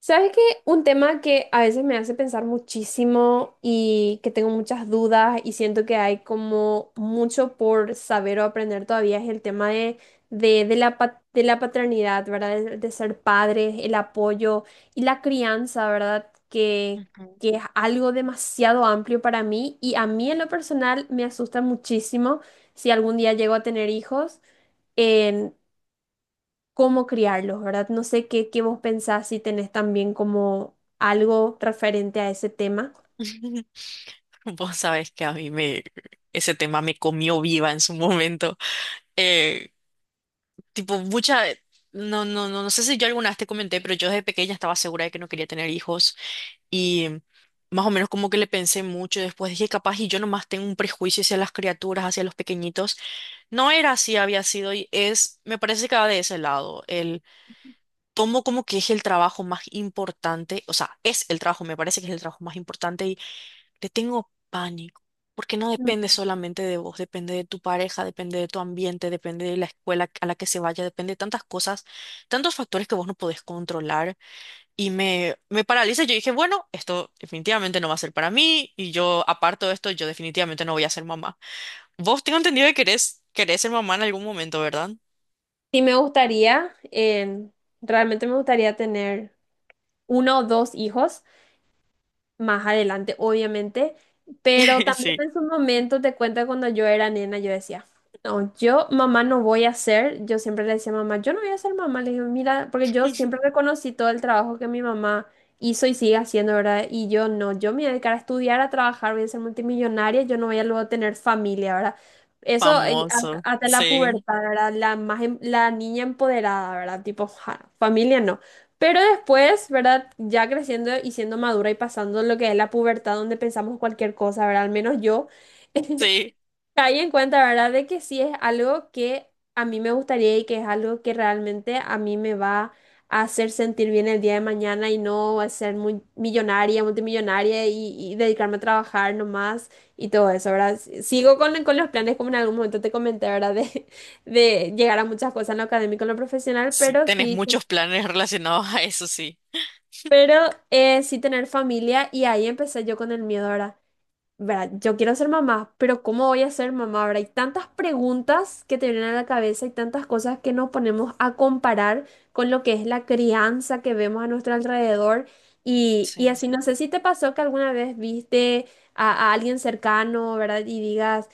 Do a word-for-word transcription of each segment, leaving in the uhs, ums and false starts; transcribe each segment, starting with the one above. ¿Sabes qué? Un tema que a veces me hace pensar muchísimo y que tengo muchas dudas y siento que hay como mucho por saber o aprender todavía es el tema de, de, de la, pa- de la paternidad, ¿verdad? De, de ser padres, el apoyo y la crianza, ¿verdad? Que, Ujú. que es algo demasiado amplio para mí y a mí en lo personal me asusta muchísimo si algún día llego a tener hijos cómo criarlos, ¿verdad? No sé qué, qué vos pensás si tenés también como algo referente a ese tema. Vos sabés que a mí me, ese tema me comió viva en su momento. Eh, Tipo, mucha, no, no, no, no sé si yo alguna vez te comenté, pero yo desde pequeña estaba segura de que no quería tener hijos y más o menos como que le pensé mucho y después dije, capaz y yo nomás tengo un prejuicio hacia las criaturas, hacia los pequeñitos. No era así, había sido y es, me parece que va de ese lado, el tomo como que es el trabajo más importante, o sea, es el trabajo, me parece que es el trabajo más importante. Le tengo pánico, porque no Mm. depende solamente de vos, depende de tu pareja, depende de tu ambiente, depende de la escuela a la que se vaya, depende de tantas cosas, tantos factores que vos no podés controlar. Y me, me paraliza. Yo dije, bueno, esto definitivamente no va a ser para mí, y yo aparto de esto, yo definitivamente no voy a ser mamá. Vos tengo entendido que querés, querés ser mamá en algún momento, ¿verdad? Sí me gustaría, em, realmente me gustaría tener uno o dos hijos más adelante, obviamente, pero también Sí. en su momento te cuento que cuando yo era nena, yo decía, no, yo mamá no voy a ser, yo siempre le decía a mamá, yo no voy a ser mamá, le digo, mira, porque yo siempre reconocí todo el trabajo que mi mamá hizo y sigue haciendo, ¿verdad? Y yo no, yo me voy a dedicar a estudiar, a trabajar, voy a ser multimillonaria, yo no voy a luego tener familia, ¿verdad? Eso eh, hasta, Famoso. hasta la Sí, pubertad, ¿verdad? La, más, em- la niña empoderada, ¿verdad? Tipo, ja, familia no. Pero después, ¿verdad? Ya creciendo y siendo madura y pasando lo que es la pubertad, donde pensamos cualquier cosa, ¿verdad? Al menos yo sí. caí en cuenta, ¿verdad? De que sí es algo que a mí me gustaría y que es algo que realmente a mí me va a hacer sentir bien el día de mañana y no a ser muy millonaria, multimillonaria y, y dedicarme a trabajar nomás y todo eso, ¿verdad? S- Sigo con, con los planes, como en algún momento te comenté, ¿verdad? De, de llegar a muchas cosas en lo académico, en lo profesional, Sí, pero tenés sí. muchos planes relacionados a eso, sí. Pero eh, sí tener familia y ahí empecé yo con el miedo, ¿verdad? ¿Verdad? Yo quiero ser mamá, pero ¿cómo voy a ser mamá? ¿Verdad? Hay tantas preguntas que te vienen a la cabeza y tantas cosas que nos ponemos a comparar con lo que es la crianza que vemos a nuestro alrededor. Y, y Sí. así, no sé si te pasó que alguna vez viste a, a alguien cercano, ¿verdad? Y digas,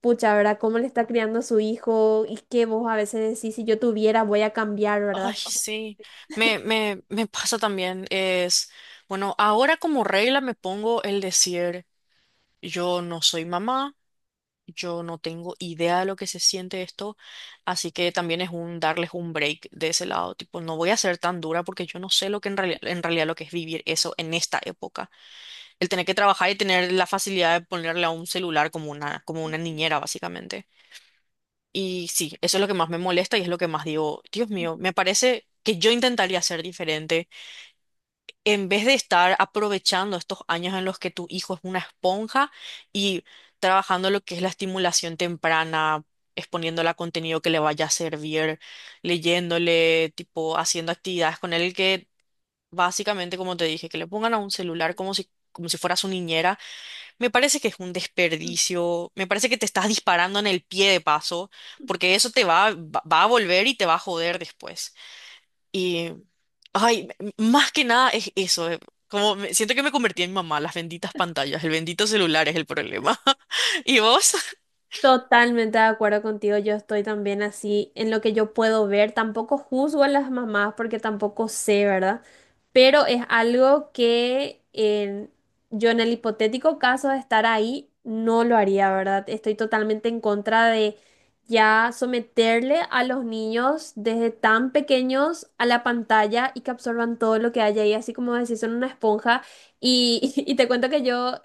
pucha, ¿verdad? ¿Cómo le está criando a su hijo? Y que vos a veces decís, si yo tuviera, voy a cambiar, Ay, ¿verdad? sí, me, me, me pasa también. Es, bueno, ahora como regla me pongo el decir, yo no soy mamá, yo no tengo idea de lo que se siente esto, así que también es un darles un break de ese lado, tipo, no voy a ser tan dura porque yo no sé lo que en realidad, en realidad lo que es vivir eso en esta época. El tener que trabajar y tener la facilidad de ponerle a un celular como una, como una niñera, básicamente. Y sí, eso es lo que más me molesta y es lo que más digo, Dios mío, me parece que yo intentaría ser diferente. En vez de estar aprovechando estos años en los que tu hijo es una esponja y trabajando lo que es la estimulación temprana, exponiéndole a contenido que le vaya a servir, leyéndole, tipo, haciendo actividades con él que básicamente, como te dije, que le pongan a un celular como si, como si fuera su niñera. Me parece que es un desperdicio, me parece que te estás disparando en el pie de paso, porque eso te va, va va a volver y te va a joder después. Y, ay, m- más que nada es eso, eh, como me- siento que me convertí en mamá, las benditas pantallas, el bendito celular es el problema. ¿Y vos? Totalmente de acuerdo contigo, yo estoy también así en lo que yo puedo ver, tampoco juzgo a las mamás porque tampoco sé, ¿verdad? Pero es algo que en- yo en el hipotético caso de estar ahí no lo haría, ¿verdad? Estoy totalmente en contra de ya someterle a los niños desde tan pequeños a la pantalla y que absorban todo lo que haya ahí, así como decís, son una esponja. Y, y te cuento que yo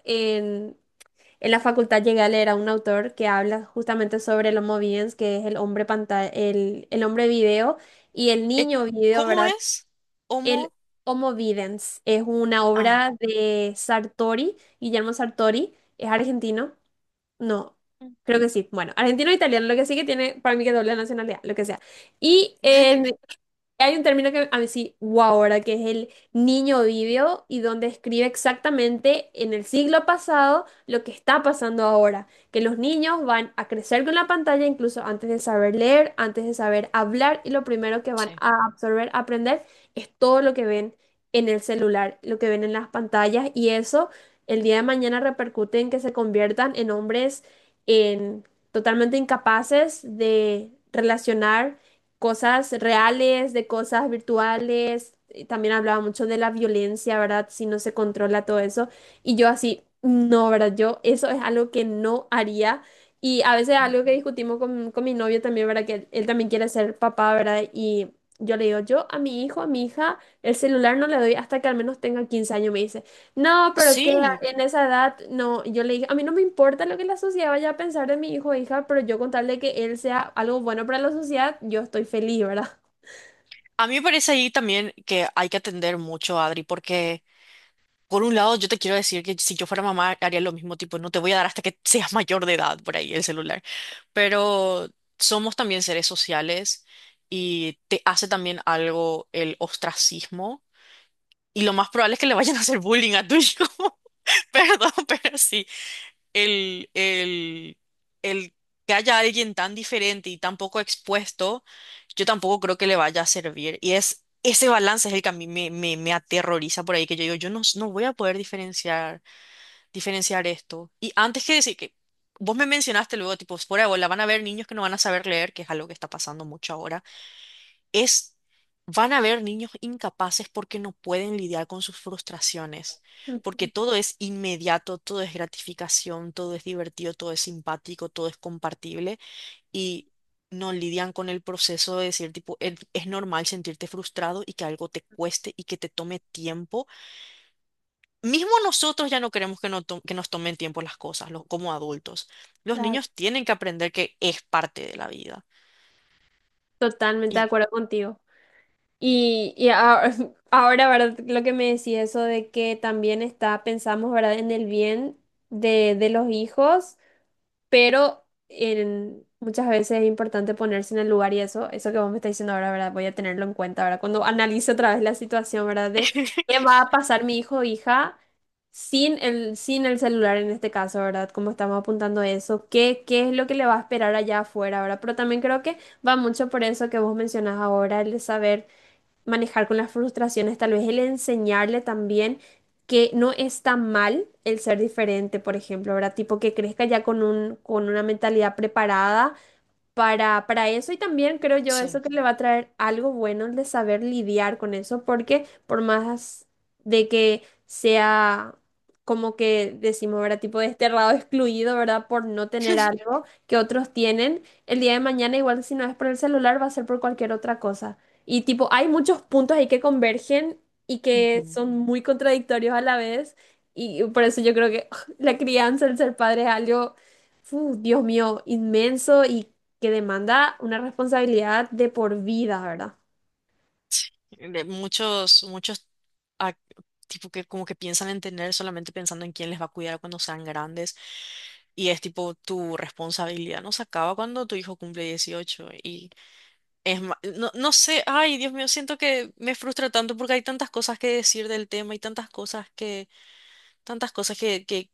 en la facultad llegué a leer a un autor que habla justamente sobre el Homo videns, que es el hombre pantalla, el, el hombre video y el Eh, niño video, ¿Cómo ¿verdad? es? El ¿Cómo? Homo videns es una Ah, obra de Sartori, Guillermo Sartori, es argentino, no, creo que sí, bueno, argentino o italiano, lo que sí que tiene para mí que doble nacionalidad, lo que sea. Y en hay un término que a mí sí, wow, ahora que es el niño vivio y donde escribe exactamente en el siglo pasado lo que está pasando ahora, que los niños van a crecer con la pantalla incluso antes de saber leer, antes de saber hablar y lo primero que van sí. a absorber, a aprender es todo lo que ven en el celular, lo que ven en las pantallas y eso el día de mañana repercute en que se conviertan en hombres en totalmente incapaces de relacionar cosas reales, de cosas virtuales. Y también hablaba mucho de la violencia, ¿verdad? Si no se controla todo eso. Y yo así, no, ¿verdad? Yo eso es algo que no haría. Y a veces algo que discutimos con, con mi novio también, ¿verdad? Que él, él también quiere ser papá, ¿verdad? Y yo le digo, yo a mi hijo, a mi hija, el celular no le doy hasta que al menos tenga quince años, me dice. No, pero que a- Sí, en esa edad, no, yo le dije, a mí no me importa lo que la sociedad vaya a pensar de mi hijo o hija, pero yo con tal de que él sea algo bueno para la sociedad, yo estoy feliz, ¿verdad? a mí me parece ahí también que hay que atender mucho, Adri, porque... Por un lado, yo te quiero decir que si yo fuera mamá haría lo mismo, tipo, no te voy a dar hasta que seas mayor de edad por ahí el celular. Pero somos también seres sociales y te hace también algo el ostracismo. Y lo más probable es que le vayan a hacer bullying a tu hijo. Perdón, pero sí. El, el, el que haya alguien tan diferente y tan poco expuesto, yo tampoco creo que le vaya a servir. Y es ese balance es el que a mí me, me, me aterroriza por ahí, que yo digo, yo no, no voy a poder diferenciar diferenciar esto. Y antes que decir que vos me mencionaste luego, tipo, fuera de bola, van a haber niños que no van a saber leer, que es algo que está pasando mucho ahora, es, van a haber niños incapaces porque no pueden lidiar con sus frustraciones, Mm, porque todo es inmediato, todo es gratificación, todo es divertido, todo es simpático, todo es compartible y... no lidian con el proceso de decir, tipo, "Es es normal sentirte frustrado y que algo te cueste y que te tome tiempo". Mismo nosotros ya no queremos que, no to- que nos tomen tiempo las cosas, los, como adultos. Los claro. niños tienen que aprender que es parte de la vida. Totalmente de Y acuerdo contigo. Y, y ahora, ahora, ¿verdad? Lo que me decía eso de que también está, pensamos, ¿verdad? En el bien de, de los hijos pero en- muchas veces es importante ponerse en el lugar y eso, eso que vos me estás diciendo ahora, ¿verdad? Voy a tenerlo en cuenta, ¿verdad? Cuando analice otra vez la situación, ¿verdad? De qué va a pasar mi hijo o hija sin el, sin el celular en este caso, ¿verdad? Como estamos apuntando eso, ¿qué, qué es lo que le va a esperar allá afuera, ¿verdad? Pero también creo que va mucho por eso que vos mencionás ahora, el de saber manejar con las frustraciones, tal vez el enseñarle también que no está mal el ser diferente, por ejemplo, ¿verdad? Tipo que crezca ya con un, con una mentalidad preparada para, para eso y también creo yo eso sí. que le va a traer algo bueno el de saber lidiar con eso, porque por más de que sea como que decimos, ¿verdad? Tipo desterrado, excluido, ¿verdad? Por no tener algo que otros tienen, el día de mañana igual si no es por el celular va a ser por cualquier otra cosa. Y tipo, hay muchos puntos ahí que convergen y que Ujú. son muy contradictorios a la vez y por eso yo creo que la crianza, el ser padre es algo... Fu, Dios mío, inmenso y que demanda una responsabilidad de por vida, ¿verdad? De muchos, muchos, ac- tipo que como que piensan en tener solamente pensando en quién les va a cuidar cuando sean grandes. Y es tipo tu responsabilidad no se acaba cuando tu hijo cumple dieciocho. Y es ma- no, no sé, ay, Dios mío, siento que me frustra tanto porque hay tantas cosas que decir del tema y tantas cosas que, tantas cosas que, que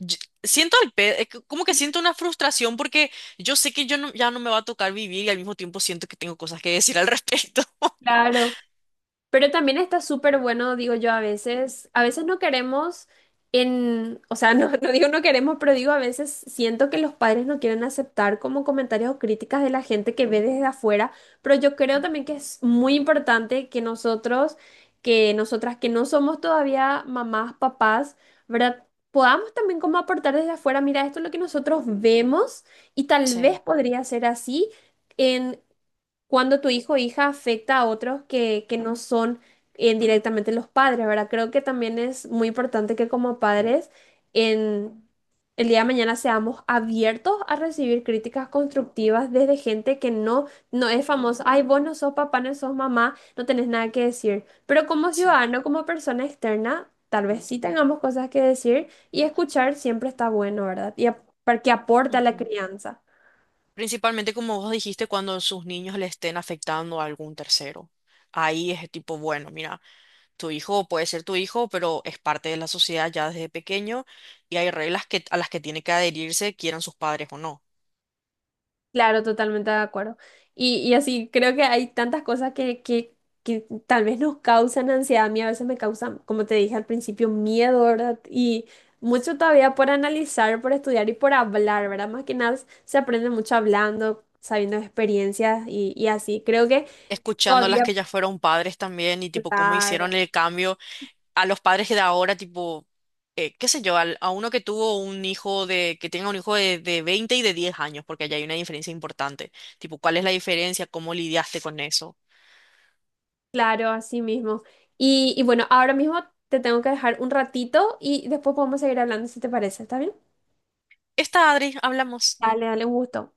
yo- siento al pe- eh, c- como que siento una frustración porque yo sé que yo no- ya no me va a tocar vivir y al mismo tiempo siento que tengo cosas que decir al respecto. Claro, pero también está súper bueno, digo yo, a veces, a veces no queremos en, o sea, no, no digo no queremos, pero digo a veces siento que los padres no quieren aceptar como comentarios o críticas de la gente que ve desde afuera, pero yo creo también que es muy importante que nosotros, que nosotras que no somos todavía mamás, papás, ¿verdad? Podamos también como aportar desde afuera, mira, esto es lo que nosotros vemos y tal vez Sí, podría ser así cuando tu hijo o hija afecta a otros que, que no son eh, directamente los padres, ¿verdad? Creo que también es muy importante que como padres en el día de mañana seamos abiertos a recibir críticas constructivas desde gente que no, no es famosa. Ay, vos no sos papá, no sos mamá, no tenés nada que decir. Pero como sí. ciudadano, como persona externa, tal vez sí tengamos cosas que decir y escuchar siempre está bueno, ¿verdad? Y ap- para que aporte a la Ujú. crianza. Principalmente como vos dijiste, cuando sus niños le estén afectando a algún tercero. Ahí es tipo, bueno, mira, tu hijo puede ser tu hijo, pero es parte de la sociedad ya desde pequeño y hay reglas que, a las que tiene que adherirse, quieran sus padres o no. Claro, totalmente de acuerdo. Y, y así, creo que hay tantas cosas que, que, que tal vez nos causan ansiedad. A mí a veces me causan, como te dije al principio, miedo, ¿verdad? Y mucho todavía por analizar, por estudiar y por hablar, ¿verdad? Más que nada se aprende mucho hablando, sabiendo de experiencias y, y así. Creo que Escuchando a las todavía, que ya fueron padres también y tipo cómo hicieron claro, el cambio. A los padres que de ahora, tipo, eh, qué sé yo, al- a uno que tuvo un hijo de, que tenga un hijo de, de veinte y de diez años, porque allá hay una diferencia importante. Tipo, ¿cuál es la diferencia? ¿Cómo lidiaste con eso? claro, así mismo. Y, y bueno, ahora mismo te tengo que dejar un ratito y después podemos seguir hablando si te parece, ¿está bien? Está, Adri, hablamos. Dale, dale, un gusto.